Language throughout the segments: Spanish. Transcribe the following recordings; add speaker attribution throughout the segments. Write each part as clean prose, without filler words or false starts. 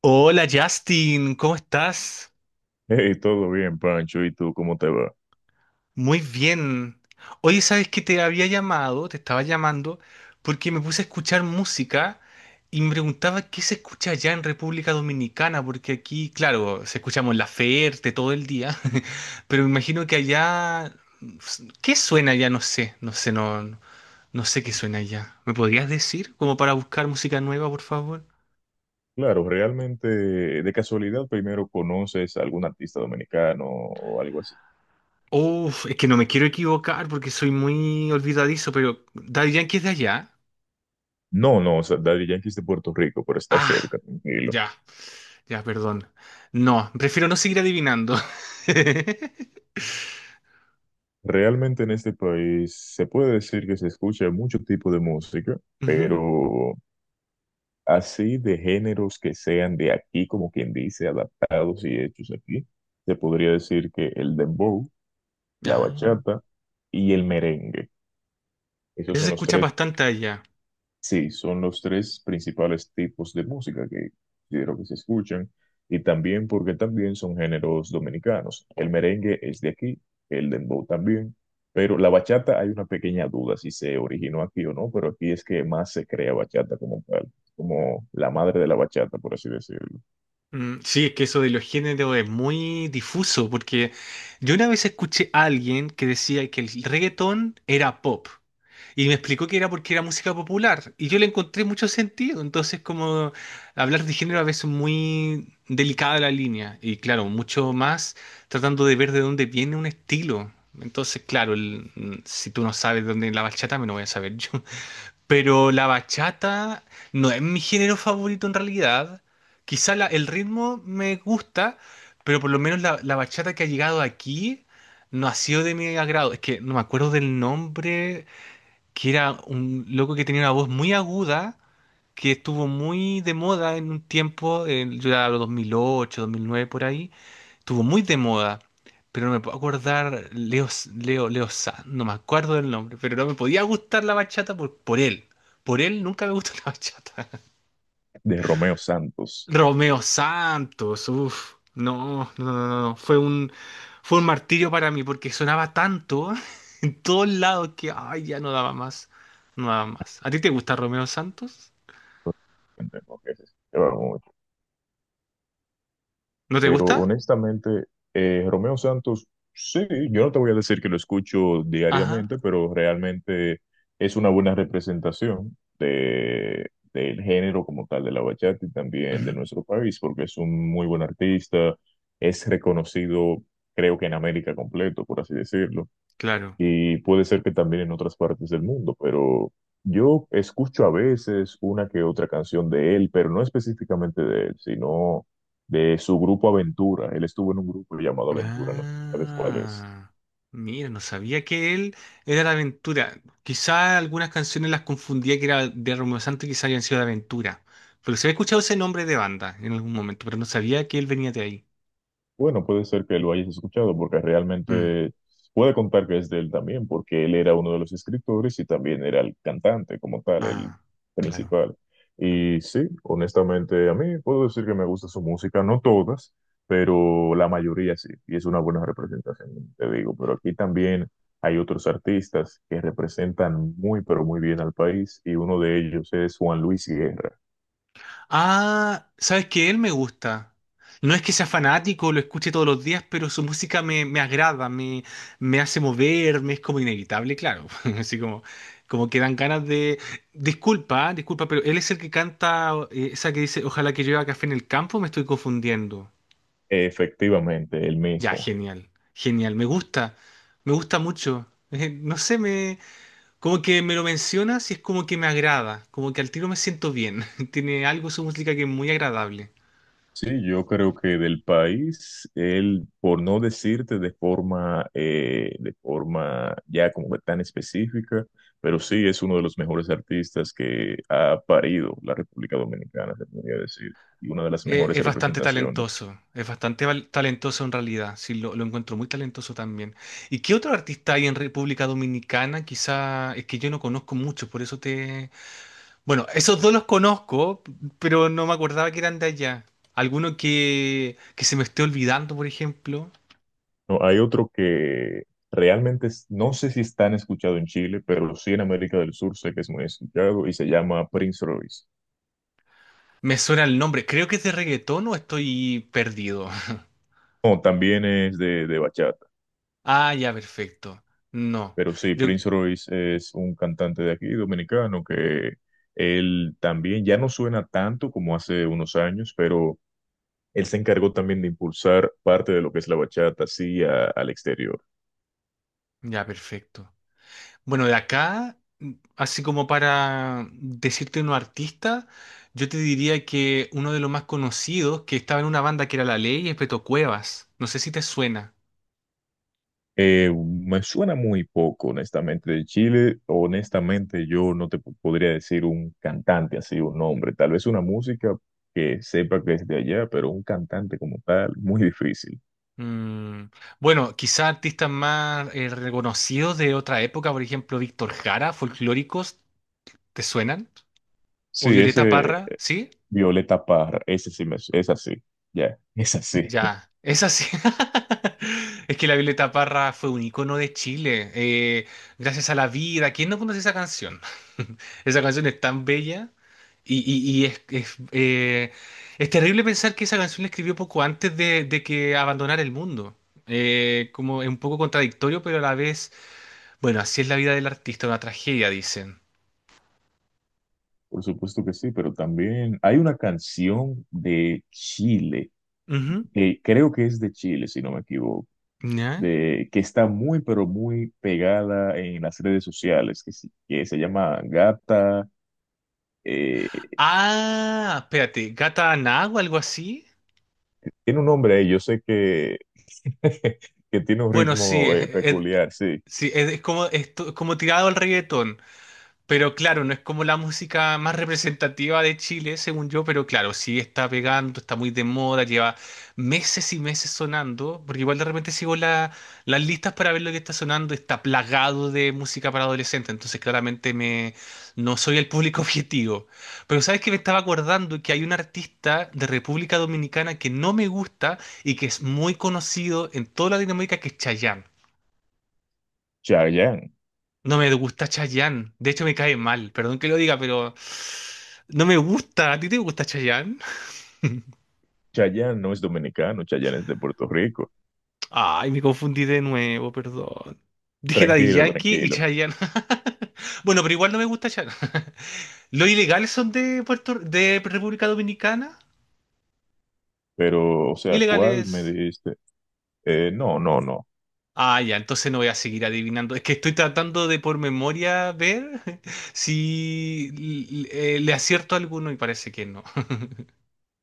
Speaker 1: Hola Justin, ¿cómo estás?
Speaker 2: Hey, todo bien, Pancho. ¿Y tú cómo te va?
Speaker 1: Muy bien. Oye, ¿sabes que te había llamado? Te estaba llamando porque me puse a escuchar música y me preguntaba qué se escucha allá en República Dominicana, porque aquí, claro, se escuchamos la Ferte todo el día, pero me imagino que allá, ¿qué suena allá? No sé, no sé, no sé qué suena allá. ¿Me podrías decir como para buscar música nueva, por favor?
Speaker 2: Claro, realmente, de casualidad, primero conoces a algún artista dominicano o algo así.
Speaker 1: Uf, es que no me quiero equivocar porque soy muy olvidadizo, pero Daddy Yankee es de allá.
Speaker 2: No, no, o sea, Daddy Yankee es de Puerto Rico, pero está
Speaker 1: Ah,
Speaker 2: cerca, tranquilo.
Speaker 1: ya, ya, perdón. No, prefiero no seguir adivinando.
Speaker 2: Realmente en este país se puede decir que se escucha mucho tipo de música,
Speaker 1: Ujú.
Speaker 2: pero así de géneros que sean de aquí, como quien dice, adaptados y hechos aquí, se podría decir que el dembow, la
Speaker 1: Ah,
Speaker 2: bachata y el merengue. Esos
Speaker 1: eso se
Speaker 2: son los
Speaker 1: escucha
Speaker 2: tres.
Speaker 1: bastante allá.
Speaker 2: Sí, son los tres principales tipos de música que considero que se escuchan, y también porque también son géneros dominicanos. El merengue es de aquí, el dembow también, pero la bachata hay una pequeña duda si se originó aquí o no, pero aquí es que más se crea bachata como tal, como la madre de la bachata, por así decirlo,
Speaker 1: Mm, sí, es que eso de los géneros es muy difuso, porque yo una vez escuché a alguien que decía que el reggaetón era pop. Y me explicó que era porque era música popular. Y yo le encontré mucho sentido. Entonces, como hablar de género a veces es muy delicada la línea. Y claro, mucho más tratando de ver de dónde viene un estilo. Entonces, claro, si tú no sabes de dónde es la bachata, me lo voy a saber yo. Pero la bachata no es mi género favorito en realidad. Quizá el ritmo me gusta, pero por lo menos la bachata que ha llegado aquí no ha sido de mi agrado. Es que no me acuerdo del nombre, que era un loco que tenía una voz muy aguda, que estuvo muy de moda en un tiempo, en, yo era los 2008, 2009 por ahí, estuvo muy de moda, pero no me puedo acordar, Leo, Leo Sanz, no me acuerdo del nombre, pero no me podía gustar la bachata por él, por él nunca me gustó la bachata.
Speaker 2: de Romeo Santos.
Speaker 1: Romeo Santos, uff, no, no, no, no, no, fue un martirio para mí porque sonaba tanto en todos lados que, ay, ya no daba más, no daba más. ¿A ti te gusta Romeo Santos?
Speaker 2: Entendemos que es,
Speaker 1: ¿No te
Speaker 2: pero
Speaker 1: gusta?
Speaker 2: honestamente, Romeo Santos, sí, yo no te voy a decir que lo escucho
Speaker 1: Ajá,
Speaker 2: diariamente, pero realmente es una buena representación de, del género como tal de la bachata y también de
Speaker 1: ujú,
Speaker 2: nuestro país, porque es un muy buen artista, es reconocido, creo que en América completo, por así decirlo,
Speaker 1: claro.
Speaker 2: y puede ser que también en otras partes del mundo, pero yo escucho a veces una que otra canción de él, pero no específicamente de él, sino de su grupo Aventura. Él estuvo en un grupo llamado Aventura, no sé si sabes cuál es.
Speaker 1: Ah, mira, no sabía que él era de Aventura. Quizá algunas canciones las confundía que era de Romeo Santos y quizá habían sido de Aventura. Pero se había escuchado ese nombre de banda en algún momento, pero no sabía que él venía de ahí.
Speaker 2: Bueno, puede ser que lo hayas escuchado porque
Speaker 1: Mm.
Speaker 2: realmente puede contar que es de él también, porque él era uno de los escritores y también era el cantante como tal, el
Speaker 1: Ah, claro.
Speaker 2: principal. Y sí, honestamente a mí puedo decir que me gusta su música, no todas, pero la mayoría sí, y es una buena representación, te digo, pero aquí también hay otros artistas que representan muy, pero muy bien al país, y uno de ellos es Juan Luis Guerra.
Speaker 1: Ah, ¿sabes qué? Él me gusta. No es que sea fanático, lo escuche todos los días, pero su música me agrada, me hace mover, me es como inevitable, claro. Así como, como que dan ganas de... Disculpa, disculpa, pero él es el que canta esa que dice, ojalá que llueva café en el campo, me estoy confundiendo.
Speaker 2: Efectivamente, el
Speaker 1: Ya,
Speaker 2: mismo.
Speaker 1: genial, genial, me gusta mucho. No sé, como que me lo mencionas y es como que me agrada, como que al tiro me siento bien. Tiene algo su música que es muy agradable.
Speaker 2: Sí, yo creo que del país, él, por no decirte de forma ya como que tan específica, pero sí es uno de los mejores artistas que ha parido la República Dominicana, se podría decir, y una de las mejores
Speaker 1: Es bastante
Speaker 2: representaciones.
Speaker 1: talentoso, es bastante talentoso en realidad, sí, lo encuentro muy talentoso también. ¿Y qué otro artista hay en República Dominicana? Quizá es que yo no conozco muchos, por eso te... Bueno, esos dos los conozco, pero no me acordaba que eran de allá. Alguno que se me esté olvidando, por ejemplo.
Speaker 2: No, hay otro que no sé si es tan escuchado en Chile, pero sí en América del Sur sé que es muy escuchado y se llama Prince Royce.
Speaker 1: Me suena el nombre, creo que es de reggaetón o estoy perdido.
Speaker 2: No, también es de bachata.
Speaker 1: Ah, ya, perfecto. No.
Speaker 2: Pero sí,
Speaker 1: Yo,
Speaker 2: Prince Royce es un cantante de aquí, dominicano, que él también ya no suena tanto como hace unos años, pero él se encargó también de impulsar parte de lo que es la bachata, sí, al exterior.
Speaker 1: ya, perfecto. Bueno, de acá, así como para decirte unos artista, yo te diría que uno de los más conocidos que estaba en una banda que era La Ley es Beto Cuevas. No sé si te suena.
Speaker 2: Me suena muy poco, honestamente, de Chile. Honestamente, yo no podría decir un cantante así, un nombre. Tal vez una música que sepa que es de allá, pero un cantante como tal, muy difícil.
Speaker 1: Mm, bueno, quizá artistas más reconocidos de otra época, por ejemplo, Víctor Jara, folclóricos, ¿te suenan? O
Speaker 2: Sí,
Speaker 1: Violeta
Speaker 2: ese,
Speaker 1: Parra, ¿sí?
Speaker 2: Violeta Parra, ese sí me, es así, ya, es así.
Speaker 1: Ya, es así. Es que la Violeta Parra fue un icono de Chile. Gracias a la vida. ¿Quién no conoce esa canción? Esa canción es tan bella y es terrible pensar que esa canción la escribió poco antes de que abandonara el mundo. Como es un poco contradictorio, pero a la vez, bueno, así es la vida del artista, una tragedia, dicen.
Speaker 2: Por supuesto que sí, pero también hay una canción de Chile,
Speaker 1: Ujú,
Speaker 2: que creo que es de Chile, si no me equivoco,
Speaker 1: ¿ya?
Speaker 2: de, que está muy, pero muy pegada en las redes sociales, que, que se llama Gata, eh,
Speaker 1: Ah, espérate, Gata Aná o algo así.
Speaker 2: tiene un nombre, yo sé que, que tiene un
Speaker 1: Bueno, sí,
Speaker 2: ritmo peculiar, sí,
Speaker 1: sí, es como, como tirado al reggaetón. Pero claro, no es como la música más representativa de Chile, según yo, pero claro, sí está pegando, está muy de moda, lleva meses y meses sonando, porque igual de repente sigo las listas para ver lo que está sonando, está plagado de música para adolescentes, entonces claramente no soy el público objetivo. Pero sabes que me estaba acordando que hay un artista de República Dominicana que no me gusta y que es muy conocido en toda la Latinoamérica, que es Chayanne.
Speaker 2: Chayanne.
Speaker 1: No me gusta Chayanne. De hecho, me cae mal. Perdón que lo diga, pero no me gusta. ¿A ti te gusta Chayanne?
Speaker 2: Chayanne no es dominicano, Chayanne es de Puerto Rico.
Speaker 1: Ay, me confundí de nuevo, perdón. Dije Daddy
Speaker 2: Tranquilo,
Speaker 1: Yankee y
Speaker 2: tranquilo.
Speaker 1: Chayanne. Bueno, pero igual no me gusta Chayanne. ¿Los ilegales son de Puerto, de República Dominicana?
Speaker 2: Pero, o sea, ¿cuál me
Speaker 1: ¿Ilegales?
Speaker 2: dijiste? No, no, no.
Speaker 1: Ah, ya, entonces no voy a seguir adivinando. Es que estoy tratando de por memoria ver si le acierto a alguno y parece que no.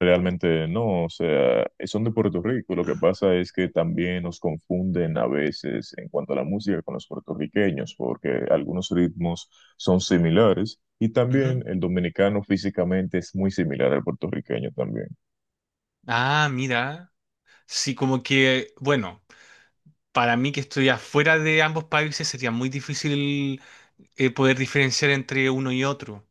Speaker 2: Realmente no. O sea, son de Puerto Rico. Lo que pasa es que también nos confunden a veces en cuanto a la música con los puertorriqueños, porque algunos ritmos son similares, y
Speaker 1: Ujú.
Speaker 2: también el dominicano físicamente es muy similar al puertorriqueño también.
Speaker 1: Ah, mira. Sí, como que, bueno, para mí que estoy afuera de ambos países sería muy difícil poder diferenciar entre uno y otro.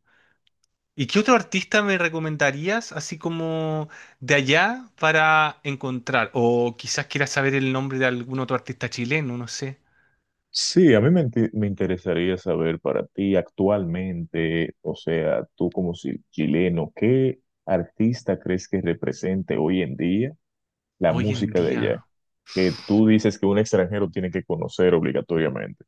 Speaker 1: ¿Y qué otro artista me recomendarías, así como de allá, para encontrar? O quizás quieras saber el nombre de algún otro artista chileno, no sé.
Speaker 2: Sí, a mí me me interesaría saber para ti actualmente, o sea, tú como chileno, ¿qué artista crees que represente hoy en día la
Speaker 1: Hoy en
Speaker 2: música de allá,
Speaker 1: día.
Speaker 2: que tú dices que un extranjero tiene que conocer obligatoriamente?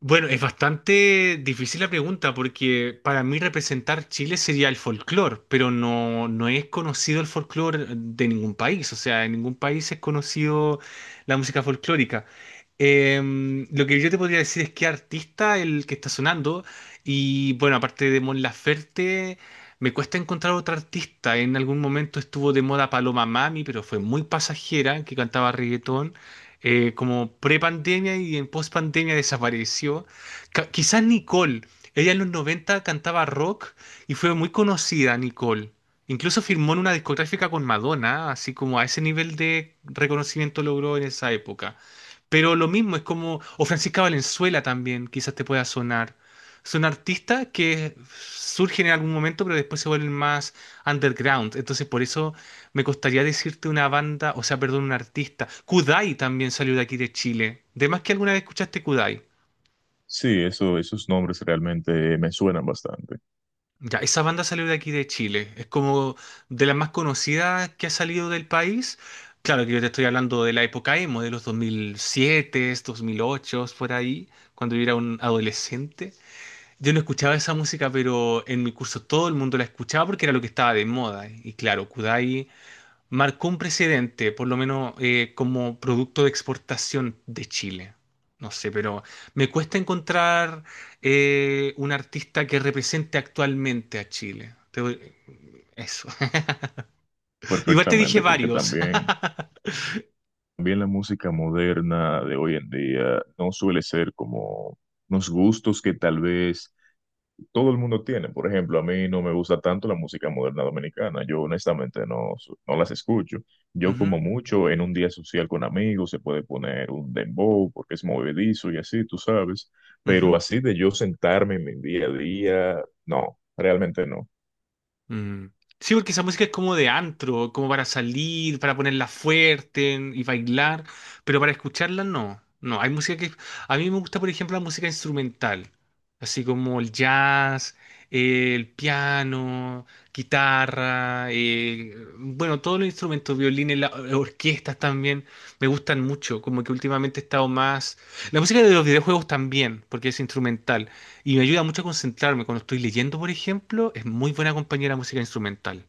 Speaker 1: Bueno, es bastante difícil la pregunta porque para mí representar Chile sería el folclore, pero no, no es conocido el folclore de ningún país, o sea, en ningún país es conocido la música folclórica. Lo que yo te podría decir es qué artista el que está sonando y bueno, aparte de Mon Laferte, me cuesta encontrar otro artista. En algún momento estuvo de moda Paloma Mami, pero fue muy pasajera, que cantaba reggaetón como pre-pandemia y en post-pandemia desapareció. Quizás Nicole, ella en los 90 cantaba rock y fue muy conocida, Nicole. Incluso firmó en una discográfica con Madonna, así como a ese nivel de reconocimiento logró en esa época. Pero lo mismo es como, o Francisca Valenzuela también, quizás te pueda sonar. Son artistas que surgen en algún momento, pero después se vuelven más underground. Entonces, por eso me costaría decirte una banda, o sea, perdón, un artista. Kudai también salió de aquí de Chile. De más que alguna vez escuchaste Kudai.
Speaker 2: Sí, eso, esos nombres realmente me suenan bastante,
Speaker 1: Ya, esa banda salió de aquí de Chile. Es como de las más conocidas que ha salido del país. Claro que yo te estoy hablando de la época emo, de los 2007, 2008, por ahí, cuando yo era un adolescente. Yo no escuchaba esa música, pero en mi curso todo el mundo la escuchaba porque era lo que estaba de moda. Y claro, Kudai marcó un precedente, por lo menos como producto de exportación de Chile. No sé, pero me cuesta encontrar un artista que represente actualmente a Chile. Te voy- Eso. Igual te dije
Speaker 2: perfectamente, porque
Speaker 1: varios.
Speaker 2: también, también la música moderna de hoy en día no suele ser como unos gustos que tal vez todo el mundo tiene. Por ejemplo, a mí no me gusta tanto la música moderna dominicana. Yo honestamente no, no las escucho. Yo
Speaker 1: Ujú,
Speaker 2: como mucho en un día social con amigos se puede poner un dembow porque es movedizo y así, tú sabes. Pero
Speaker 1: ujú.
Speaker 2: así de yo sentarme en mi día a día, no, realmente no.
Speaker 1: Mm. Sí, porque esa música es como de antro, como para salir, para ponerla fuerte y bailar, pero para escucharla no. No, hay música que... A mí me gusta, por ejemplo, la música instrumental, así como el jazz, el piano, guitarra, bueno, todos los instrumentos, violines, orquestas también, me gustan mucho, como que últimamente he estado más... La música de los videojuegos también, porque es instrumental. Y me ayuda mucho a concentrarme. Cuando estoy leyendo, por ejemplo, es muy buena compañía la música instrumental.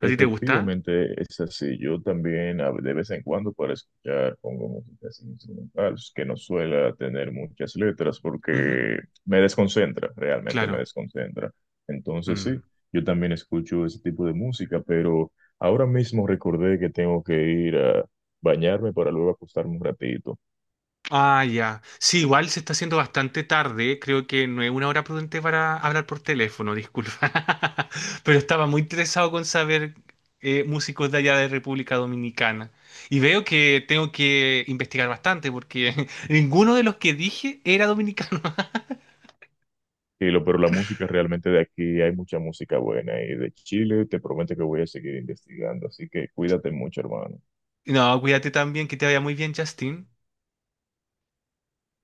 Speaker 1: ¿A ti te gusta?
Speaker 2: Efectivamente, es así. Yo también de vez en cuando para escuchar pongo música así instrumental, que no suele tener muchas letras
Speaker 1: Ujú,
Speaker 2: porque me desconcentra, realmente me
Speaker 1: claro.
Speaker 2: desconcentra. Entonces
Speaker 1: Mm.
Speaker 2: sí, yo también escucho ese tipo de música, pero ahora mismo recordé que tengo que ir a bañarme para luego acostarme un ratito.
Speaker 1: Ah, ya. Sí, igual se está haciendo bastante tarde. Creo que no es una hora prudente para hablar por teléfono, disculpa. Pero estaba muy interesado con saber músicos de allá de República Dominicana. Y veo que tengo que investigar bastante porque ninguno de los que dije era dominicano.
Speaker 2: Y lo, pero la música realmente de aquí hay mucha música buena, y de Chile te prometo que voy a seguir investigando, así que cuídate mucho, hermano.
Speaker 1: No, cuídate también, que te vaya muy bien, Justin.